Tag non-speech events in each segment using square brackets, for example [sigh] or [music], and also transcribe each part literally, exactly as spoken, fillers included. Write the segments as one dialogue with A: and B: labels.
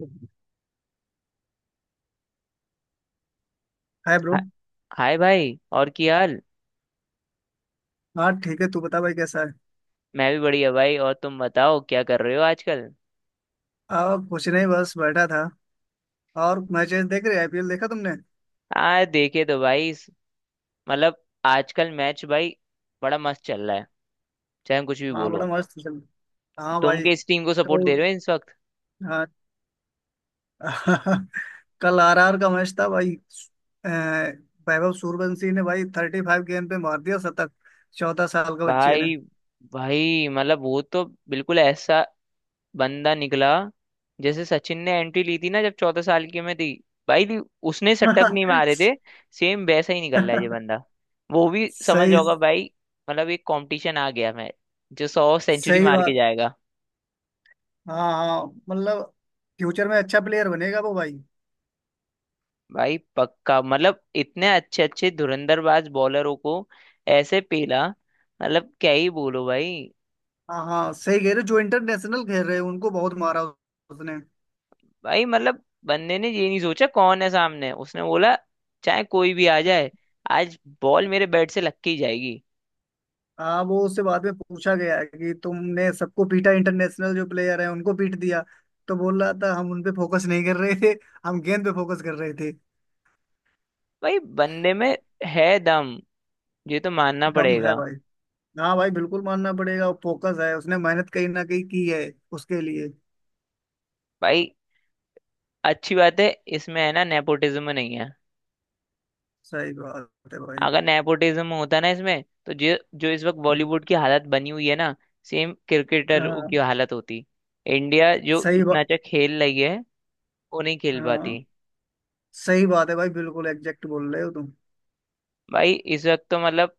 A: हाय
B: हा-
A: bro.
B: Hi भाई, और की हाल।
A: हाँ ठीक है। तू बता भाई कैसा है?
B: मैं भी बढ़िया भाई, और तुम बताओ क्या कर रहे हो आजकल।
A: आ कुछ नहीं बस बैठा था। और मैचेस देख रहे। आईपीएल देखा तुमने?
B: आ देखे तो भाई इस- मतलब आजकल मैच भाई बड़ा मस्त चल रहा है, चाहे हम कुछ भी
A: हाँ बड़ा
B: बोलो।
A: मस्त चल। हाँ
B: तुम
A: भाई।
B: किस टीम को सपोर्ट दे
A: कल।
B: रहे हो इस वक्त।
A: हाँ। [laughs] कल आरआर का मैच था भाई। अ, वैभव सूर्यवंशी ने भाई थर्टी फाइव गेंद पे मार दिया शतक। चौदह साल के बच्चे ने।
B: भाई भाई, मतलब वो तो बिल्कुल ऐसा बंदा निकला, जैसे सचिन ने एंट्री ली थी ना, जब चौदह साल की उम्र थी। भाई दी- उसने शतक नहीं मारे
A: [laughs]
B: थे। सेम वैसा ही निकल रहा है ये बंदा, वो भी समझ
A: सही।
B: जाओगा भाई। मतलब एक कंपटीशन आ गया मैं, जो सौ सेंचुरी
A: सही
B: मार के
A: बात।
B: जाएगा।
A: हाँ हाँ मतलब फ्यूचर में अच्छा प्लेयर बनेगा वो भाई।
B: भाई पक्का, मतलब इतने अच्छे अच्छे धुरंधरबाज बॉलरों को ऐसे पेला, मतलब क्या ही बोलो भाई।
A: हाँ हाँ सही कह रहे हो, जो इंटरनेशनल खेल रहे हैं उनको बहुत मारा उसने।
B: भाई मतलब बंदे ने ये नहीं सोचा कौन है सामने, उसने बोला चाहे कोई भी आ जाए, आज बॉल मेरे बैट से लग के ही जाएगी।
A: हाँ, वो उससे बाद में पूछा गया है कि तुमने सबको पीटा, इंटरनेशनल जो प्लेयर है उनको पीट दिया। तो बोल रहा था हम उन पे फोकस नहीं कर रहे थे, हम गेंद पे फोकस कर रहे थे।
B: भाई बंदे में है दम, ये तो मानना
A: दम
B: पड़ेगा।
A: है भाई। हाँ भाई बिल्कुल मानना पड़ेगा। फोकस है उसने, मेहनत कहीं ना कहीं की है उसके लिए।
B: भाई अच्छी बात है, इसमें है ना, नेपोटिज्म नहीं है।
A: सही बात है भाई।
B: अगर नेपोटिज्म होता ना इसमें, तो जो जो इस वक्त बॉलीवुड की हालत बनी हुई है ना, सेम क्रिकेटर की
A: हाँ
B: हालत होती। इंडिया जो
A: सही
B: इतना
A: बात।
B: अच्छा खेल रही है, वो नहीं खेल पाती।
A: हाँ सही बात है भाई। बिल्कुल एग्जैक्ट बोल रहे हो तुम।
B: भाई इस वक्त तो मतलब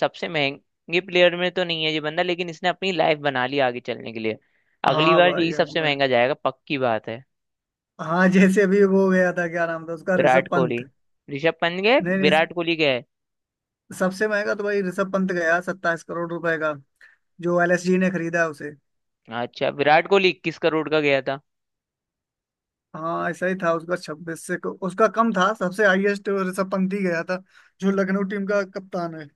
B: सबसे महंगे प्लेयर में तो नहीं है ये बंदा, लेकिन इसने अपनी लाइफ बना ली आगे चलने के लिए। अगली
A: हाँ
B: बार
A: भाई।
B: यही
A: हाँ
B: सबसे
A: भाई।
B: महंगा जाएगा, पक्की बात है।
A: हाँ जैसे अभी वो गया था, क्या नाम था उसका,
B: विराट
A: ऋषभ
B: कोहली,
A: पंत।
B: ऋषभ पंत गए।
A: नहीं नहीं।
B: विराट कोहली गए।
A: सबसे महंगा तो भाई ऋषभ पंत गया सत्ताईस करोड़ रुपए का, जो एलएसजी ने खरीदा उसे।
B: अच्छा विराट कोहली इक्कीस करोड़ का गया था।
A: हाँ ऐसा ही था। उसका छब्बीस से को- उसका कम था। सबसे हाईएस्ट ऋषभ पंत ही गया था, जो लखनऊ टीम का कप्तान है।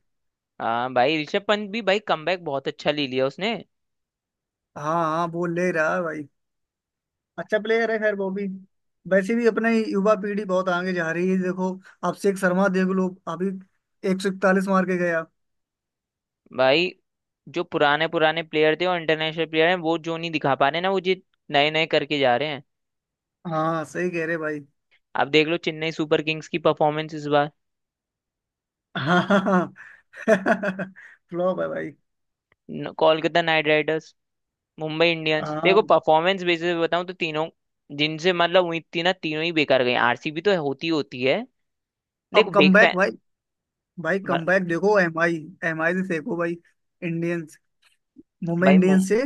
B: हाँ भाई, ऋषभ पंत भी भाई कमबैक बहुत अच्छा ले लिया उसने।
A: हाँ हाँ वो ले रहा है भाई। अच्छा प्लेयर है खैर वो भी। वैसे भी अपने युवा पीढ़ी बहुत आगे जा रही है देखो। अभिषेक शर्मा देख लो अभी, एक सौ इकतालीस मार के गया।
B: भाई जो पुराने पुराने प्लेयर थे और इंटरनेशनल प्लेयर हैं, वो जो नहीं दिखा पा रहे ना, वो जी नए नए करके जा रहे हैं।
A: हाँ सही कह रहे भाई।
B: आप देख लो चेन्नई सुपर किंग्स की परफॉर्मेंस इस बार।
A: हाँ। [laughs] फ्लॉप है भाई।
B: न- Kolkata Knight Riders, Mumbai Indians, देखो
A: हाँ
B: परफॉर्मेंस बेसिस पे बताऊं तो तीनों, जिनसे मतलब उम्मीद थी ना, तीनों ही बेकार गए। आरसीबी तो होती होती है, देखो
A: अब
B: बिग
A: कमबैक
B: फैन।
A: भाई। भाई कमबैक देखो एमआई एमआई से देखो भाई। इंडियंस, मुंबई
B: भाई मुं-
A: इंडियंस से।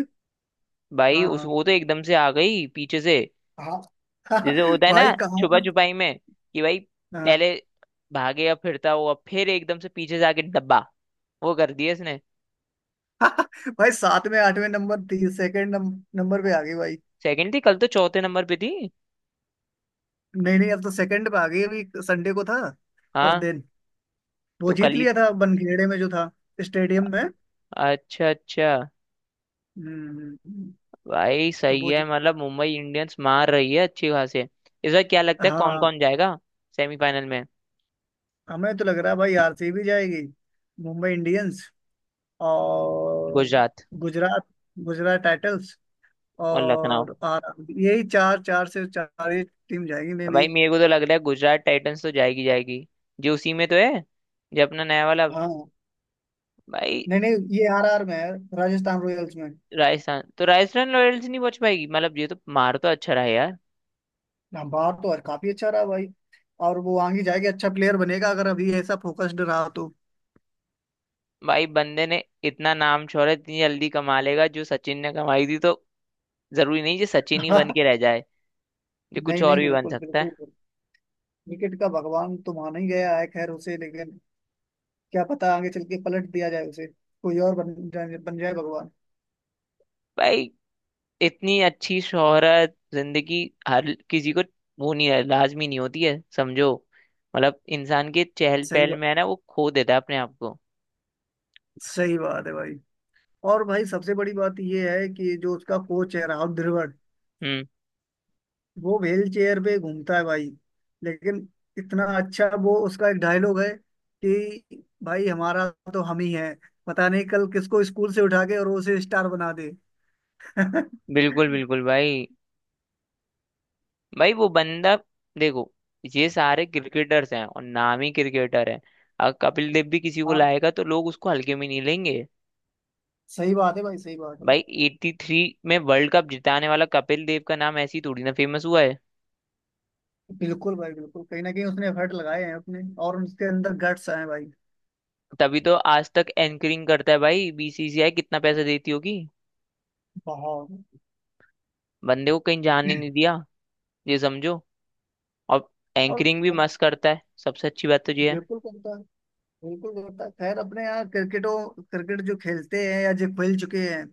B: भाई
A: हाँ
B: उस
A: हाँ।
B: वो तो एकदम से आ गई पीछे से।
A: हाँ।
B: जैसे
A: [laughs]
B: होता है ना
A: भाई कहाँ।
B: छुपा छुपाई में कि भाई
A: हाँ,
B: पहले भागेगा फिरता हुआ, फिर एकदम से पीछे से आके डब्बा, वो कर दिया इसने।
A: [laughs] भाई सातवें में आठवें नंबर थी, सेकंड नंबर पे आ गई भाई।
B: सेकंड थी कल, तो चौथे नंबर पे थी।
A: नहीं नहीं, अब तो सेकंड पे आ गई। अभी संडे को था उस
B: हाँ।
A: दिन, वो
B: तो कल
A: जीत
B: ही।
A: लिया था बनखेड़े में जो था, स्टेडियम में।
B: अच्छा अच्छा।
A: हम्म,
B: भाई
A: तो
B: सही
A: वो
B: है,
A: जी-
B: मतलब मुंबई इंडियंस मार रही है अच्छी खासे इस बार। क्या लगता है कौन
A: हाँ,
B: कौन जाएगा सेमीफाइनल में?
A: हमें तो लग रहा है भाई आरसीबी जाएगी, मुंबई इंडियंस, और
B: गुजरात।
A: गुजरात, गुजरात टाइटल्स,
B: और लखनऊ।
A: और आर यही चार, चार से चार ही टीम जाएगी मे भी।
B: भाई मेरे को तो लग रहा है गुजरात टाइटंस तो जाएगी जाएगी, जो उसी में तो है, जो अपना नया वाला।
A: हाँ
B: भाई
A: नहीं नहीं, ये आरआर में है, राजस्थान रॉयल्स में।
B: राजस्थान तो राजस्थान रॉयल्स नहीं पहुंच पाएगी, मतलब ये तो मार तो अच्छा रहा है यार।
A: हाँ, बाहर तो और काफी अच्छा रहा भाई। और वो आगे जाके अच्छा प्लेयर बनेगा अगर अभी ऐसा फोकस्ड रहा तो।
B: भाई बंदे ने इतना नाम शोहरत इतनी जल्दी कमा लेगा, जो सचिन ने कमाई थी, तो जरूरी नहीं जो सचिन
A: [laughs]
B: ही बन
A: नहीं।
B: के रह जाए, जो कुछ और
A: नहीं
B: भी बन
A: बिल्कुल
B: सकता है।
A: बिल्कुल। क्रिकेट का भगवान तो माना ही गया है खैर उसे, लेकिन क्या पता आगे चल के पलट दिया जाए उसे, कोई और बन जाए, बन जाए भगवान।
B: भाई इतनी अच्छी शोहरत जिंदगी हर किसी को वो नहीं है, लाजमी नहीं होती है, समझो। मतलब इंसान के चहल
A: सही
B: पहल
A: बात।
B: में है ना, वो खो देता है अपने आप को।
A: सही बात है भाई। और भाई सबसे बड़ी बात ये है कि जो उसका कोच है राहुल द्रविड़,
B: हम्म।
A: वो व्हील चेयर पे घूमता है भाई। लेकिन इतना अच्छा, वो उसका एक डायलॉग है कि भाई हमारा तो हम ही है, पता नहीं कल किसको स्कूल से उठा के और वो उसे स्टार बना दे। [laughs]
B: बिल्कुल बिल्कुल भाई। भाई वो बंदा, देखो, ये सारे क्रिकेटर्स हैं और नामी क्रिकेटर हैं। अगर कपिल देव भी किसी को
A: हाँ
B: लाएगा तो लोग उसको हल्के में नहीं लेंगे।
A: सही बात है भाई। सही बात है।
B: भाई तिरासी में वर्ल्ड कप जिताने वाला कपिल देव का नाम ऐसी थोड़ी ना फेमस हुआ है।
A: बिल्कुल भाई बिल्कुल कहीं ना कहीं उसने एफर्ट लगाए हैं अपने, और उसके अंदर गट्स आए हैं भाई।
B: तभी तो आज तक एंकरिंग करता है भाई, बीसीसीआई कितना पैसा देती होगी।
A: बहुत।
B: बंदे को कहीं जाने नहीं दिया, ये समझो। और
A: और
B: एंकरिंग भी मस्त करता है, सबसे अच्छी बात तो ये है।
A: बिल्कुल करता है। बिल्कुल होता है। खैर अपने यहाँ क्रिकेटों क्रिकेट जो खेलते हैं या जो खेल चुके हैं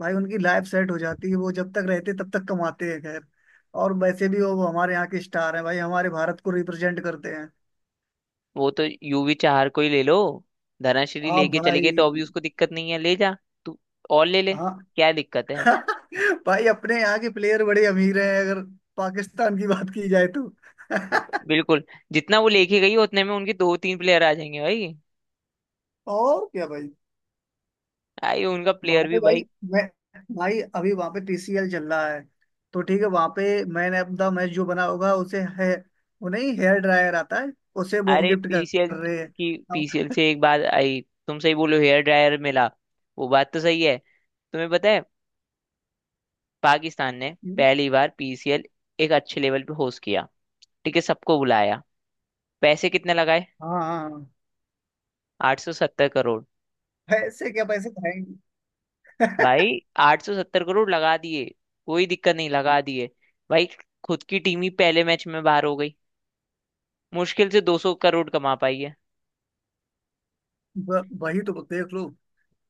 A: भाई, उनकी लाइफ सेट हो जाती है। वो जब तक रहते तब तक कमाते हैं खैर। और वैसे भी वो हमारे यहाँ के स्टार हैं भाई, हमारे भारत को रिप्रेजेंट करते हैं।
B: वो तो यूवी चार को ही ले लो, धनाश्री
A: हाँ
B: लेके चले गए,
A: भाई।
B: तो अभी उसको दिक्कत नहीं है, ले जा तू और ले ले,
A: हाँ
B: क्या दिक्कत है।
A: [laughs] भाई अपने यहाँ के प्लेयर बड़े अमीर हैं, अगर पाकिस्तान की बात की जाए तो। [laughs]
B: बिल्कुल, जितना वो लेके गई उतने में उनके दो तीन प्लेयर आ जाएंगे भाई।
A: और क्या भाई।
B: आई उनका प्लेयर
A: वहां पे
B: भी भाई।
A: भाई। मैं भाई अभी वहां पे पीसीएल चल रहा है, तो ठीक है वहां पे मैंने अपना मैच जो बना होगा उसे है, वो नहीं हेयर ड्रायर आता है उसे वो
B: अरे
A: गिफ्ट कर
B: पीसीएल
A: रहे हैं।
B: की, पीसीएल
A: अब-
B: से एक बात आई, तुम सही बोलो हेयर ड्रायर मिला, वो बात तो सही है। तुम्हें पता है, पाकिस्तान ने पहली बार पीसीएल एक अच्छे लेवल पे होस्ट किया, ठीक है, सबको बुलाया, पैसे कितने लगाए,
A: हाँ हाँ हाँ।
B: आठ सौ सत्तर करोड़।
A: पैसे क्या पैसे खाएंगे। [laughs]
B: भाई आठ सौ सत्तर करोड़ लगा दिए, कोई दिक्कत नहीं लगा दिए। भाई खुद की टीम ही पहले मैच में बाहर हो गई, मुश्किल से दो सौ करोड़ कमा पाई है।
A: ब- वही तो देख लो।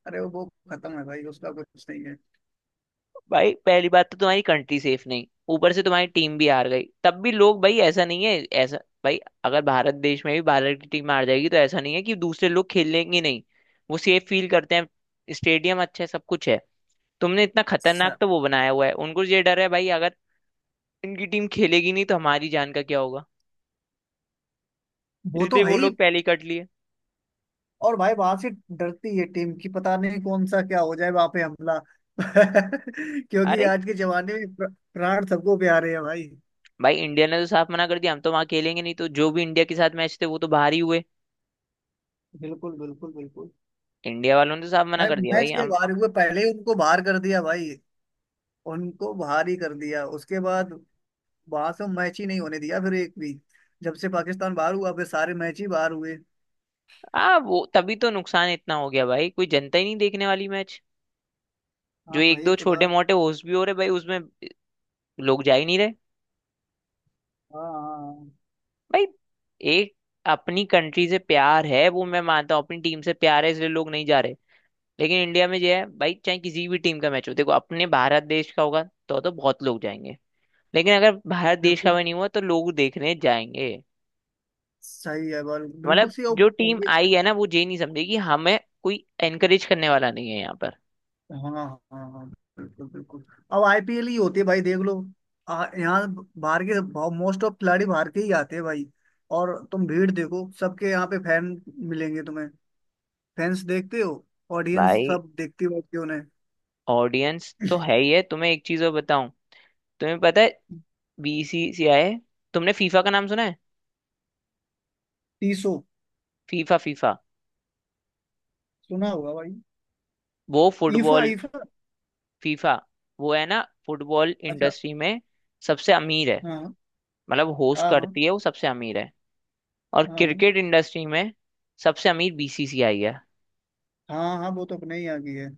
A: अरे वो खत्म है भाई, उसका कुछ नहीं है।
B: भाई पहली बात तो तुम्हारी कंट्री सेफ नहीं, ऊपर से तुम्हारी टीम भी हार गई, तब भी लोग, भाई ऐसा नहीं है ऐसा। भाई अगर भारत देश में भी भारत की टीम हार जाएगी, तो ऐसा नहीं है कि दूसरे लोग खेलेंगे नहीं, वो सेफ फील करते हैं, स्टेडियम अच्छा है, सब कुछ है। तुमने इतना खतरनाक
A: स-
B: तो वो बनाया हुआ है, उनको ये डर है भाई, अगर इनकी टीम खेलेगी नहीं तो हमारी जान का क्या होगा।
A: वो तो
B: इसलिए
A: है
B: वो
A: ही।
B: लोग पहले ही कट लिए।
A: और भाई वहां से डरती है टीम की, पता नहीं कौन सा क्या हो जाए वहां पे हमला। [laughs] क्योंकि
B: अरे
A: आज के जमाने में प्र- प्राण सबको प्यारे हैं भाई।
B: भाई, इंडिया ने तो साफ मना कर दिया, हम तो वहां खेलेंगे नहीं, तो जो भी इंडिया के साथ मैच थे वो तो बाहर ही हुए।
A: बिल्कुल बिल्कुल बिल्कुल।
B: इंडिया वालों ने तो साफ मना
A: भाई
B: कर दिया,
A: मैच
B: भाई
A: के
B: हम।
A: बाहर हुए, पहले ही उनको बाहर कर दिया भाई। उनको बाहर ही कर दिया उसके बाद, वहां से मैच ही नहीं होने दिया फिर एक भी। जब से पाकिस्तान बाहर हुआ फिर सारे मैच ही बाहर हुए।
B: आ वो तभी तो नुकसान इतना हो गया भाई, कोई जनता ही नहीं देखने वाली मैच, जो
A: हाँ
B: एक
A: भाई
B: दो
A: तो
B: छोटे
A: बात।
B: मोटे होस्ट भी हो रहे भाई उसमें लोग जा ही नहीं रहे।
A: हाँ हाँ हाँ,
B: भाई एक, अपनी कंट्री से प्यार है वो मैं मानता हूँ, अपनी टीम से प्यार है, इसलिए लोग नहीं जा रहे। लेकिन इंडिया में जो है भाई, चाहे किसी भी टीम का मैच हो, देखो अपने भारत देश का होगा तो तो बहुत लोग जाएंगे, लेकिन अगर भारत देश का
A: बिल्कुल
B: भी नहीं हुआ तो लोग देखने जाएंगे।
A: सही है बाल, बिल्कुल
B: मतलब
A: सही। और
B: जो टीम
A: पहले।
B: आई है ना, वो ये नहीं समझेगी हमें कोई एनकरेज करने वाला नहीं है यहाँ पर।
A: हाँ हाँ हाँ बिल्कुल बिल्कुल। अब आईपीएल ही होती है भाई देख लो। आ, यहाँ बाहर के, मोस्ट ऑफ खिलाड़ी बाहर के ही आते हैं भाई। और तुम भीड़ देखो, सबके यहाँ पे फैन मिलेंगे तुम्हें। फैंस देखते हो, ऑडियंस
B: भाई
A: सब देखती बैठती उन्हें।
B: ऑडियंस तो है ही है, तुम्हें एक चीज और बताऊं, तुम्हें पता है
A: [laughs]
B: बीसीसीआई, तुमने फीफा का नाम सुना है।
A: टीसो
B: फीफा फीफा,
A: सुना होगा भाई।
B: वो
A: ईफा
B: फुटबॉल,
A: ईफा।
B: फीफा, वो है ना फुटबॉल
A: अच्छा।
B: इंडस्ट्री में सबसे अमीर है,
A: हाँ।
B: मतलब होस्ट
A: हाँ। हाँ।
B: करती है वो सबसे अमीर है, और
A: हाँ।
B: क्रिकेट इंडस्ट्री में सबसे अमीर बीसीसीआई है।
A: हाँ हाँ वो तो अपने ही आ गई है।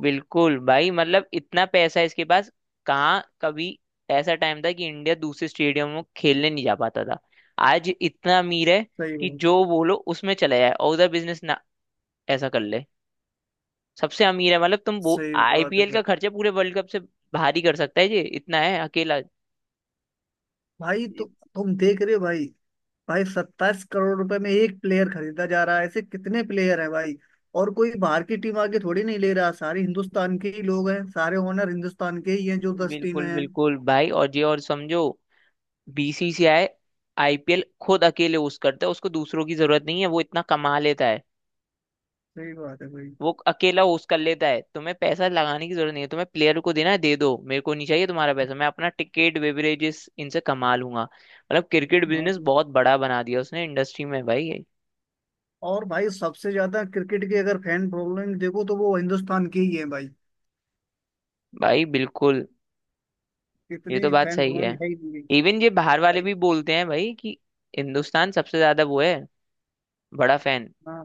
B: बिल्कुल भाई, मतलब इतना पैसा है इसके पास। कहाँ कभी ऐसा टाइम था कि इंडिया दूसरे स्टेडियम में खेलने नहीं जा पाता था, आज इतना अमीर है
A: सही
B: कि
A: बात।
B: जो बोलो उसमें चला जाए और उधर बिजनेस ना ऐसा कर ले। सबसे अमीर है, मतलब तुम वो
A: सही बात है
B: आईपीएल
A: भाई।
B: का खर्चा पूरे वर्ल्ड कप से भारी कर सकता है, ये इतना है अकेला।
A: भाई तो तुम देख रहे हो भाई। भाई सत्ताईस करोड़ रुपए में एक प्लेयर खरीदा जा रहा है, ऐसे कितने प्लेयर हैं भाई। और कोई बाहर की टीम आके थोड़ी नहीं ले रहा, सारे हिंदुस्तान के ही लोग हैं, सारे ओनर हिंदुस्तान के ही हैं जो दस टीमें
B: बिल्कुल
A: हैं।
B: बिल्कुल भाई, और ये और समझो, बीसीसीआई आईपीएल खुद अकेले उस करता है, उसको दूसरों की जरूरत नहीं है, वो इतना कमा लेता है।
A: सही बात है भाई।
B: वो अकेला होस्ट कर लेता है, तुम्हें पैसा लगाने की जरूरत नहीं है, तुम्हें प्लेयर को देना है दे दो, मेरे को नहीं चाहिए तुम्हारा पैसा, मैं अपना टिकट बेवरेजेस इनसे कमा लूंगा, मतलब क्रिकेट
A: हाँ,
B: बिजनेस बहुत बड़ा बना दिया उसने इंडस्ट्री में भाई।
A: और भाई सबसे ज्यादा क्रिकेट की अगर फैन फॉलोइंग देखो तो वो हिंदुस्तान की ही है भाई।
B: भाई बिल्कुल, ये
A: इतनी
B: तो बात
A: फैन
B: सही है।
A: फॉलोइंग है ही नहीं
B: इवन ये बाहर वाले
A: भाई।
B: भी बोलते हैं भाई कि हिंदुस्तान सबसे ज्यादा वो है, बड़ा फैन।
A: हाँ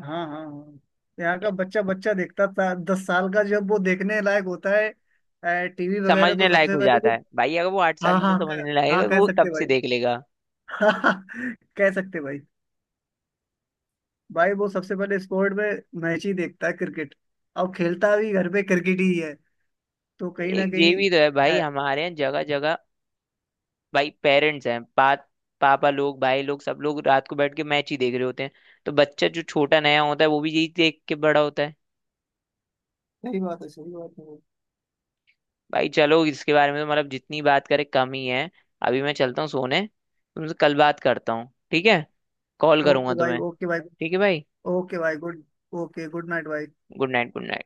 A: हाँ हाँ हाँ। यहाँ का बच्चा बच्चा देखता था दस साल का जब वो देखने लायक होता है टीवी वगैरह,
B: समझने
A: तो
B: लायक
A: सबसे
B: हो
A: पहले
B: जाता
A: वो।
B: है भाई, अगर वो आठ साल
A: हाँ
B: की में
A: हाँ कह,
B: समझने लायक
A: हाँ
B: है
A: कह
B: वो
A: सकते
B: तब से
A: भाई।
B: देख लेगा।
A: [laughs] हाँ, कह सकते भाई। भाई वो सबसे पहले स्पोर्ट में मैच ही देखता है क्रिकेट, और खेलता भी घर पे क्रिकेट ही है। तो कहीं ना
B: एक ये
A: कहीं
B: भी तो है भाई,
A: है।
B: हमारे यहाँ जगह जगह भाई पेरेंट्स हैं, पा, पापा लोग भाई लोग सब लोग रात को बैठ के मैच ही देख रहे होते हैं, तो बच्चा जो छोटा नया होता है वो भी यही देख के बड़ा होता है।
A: सही बात है। सही बात है।
B: भाई चलो इसके बारे में तो मतलब जितनी बात करें कम ही है, अभी मैं चलता हूँ सोने, तुमसे कल बात करता हूँ ठीक है, कॉल करूंगा
A: ओके भाई।
B: तुम्हें,
A: ओके भाई।
B: ठीक है भाई,
A: ओके भाई गुड। ओके गुड नाइट भाई।
B: Good night, good night.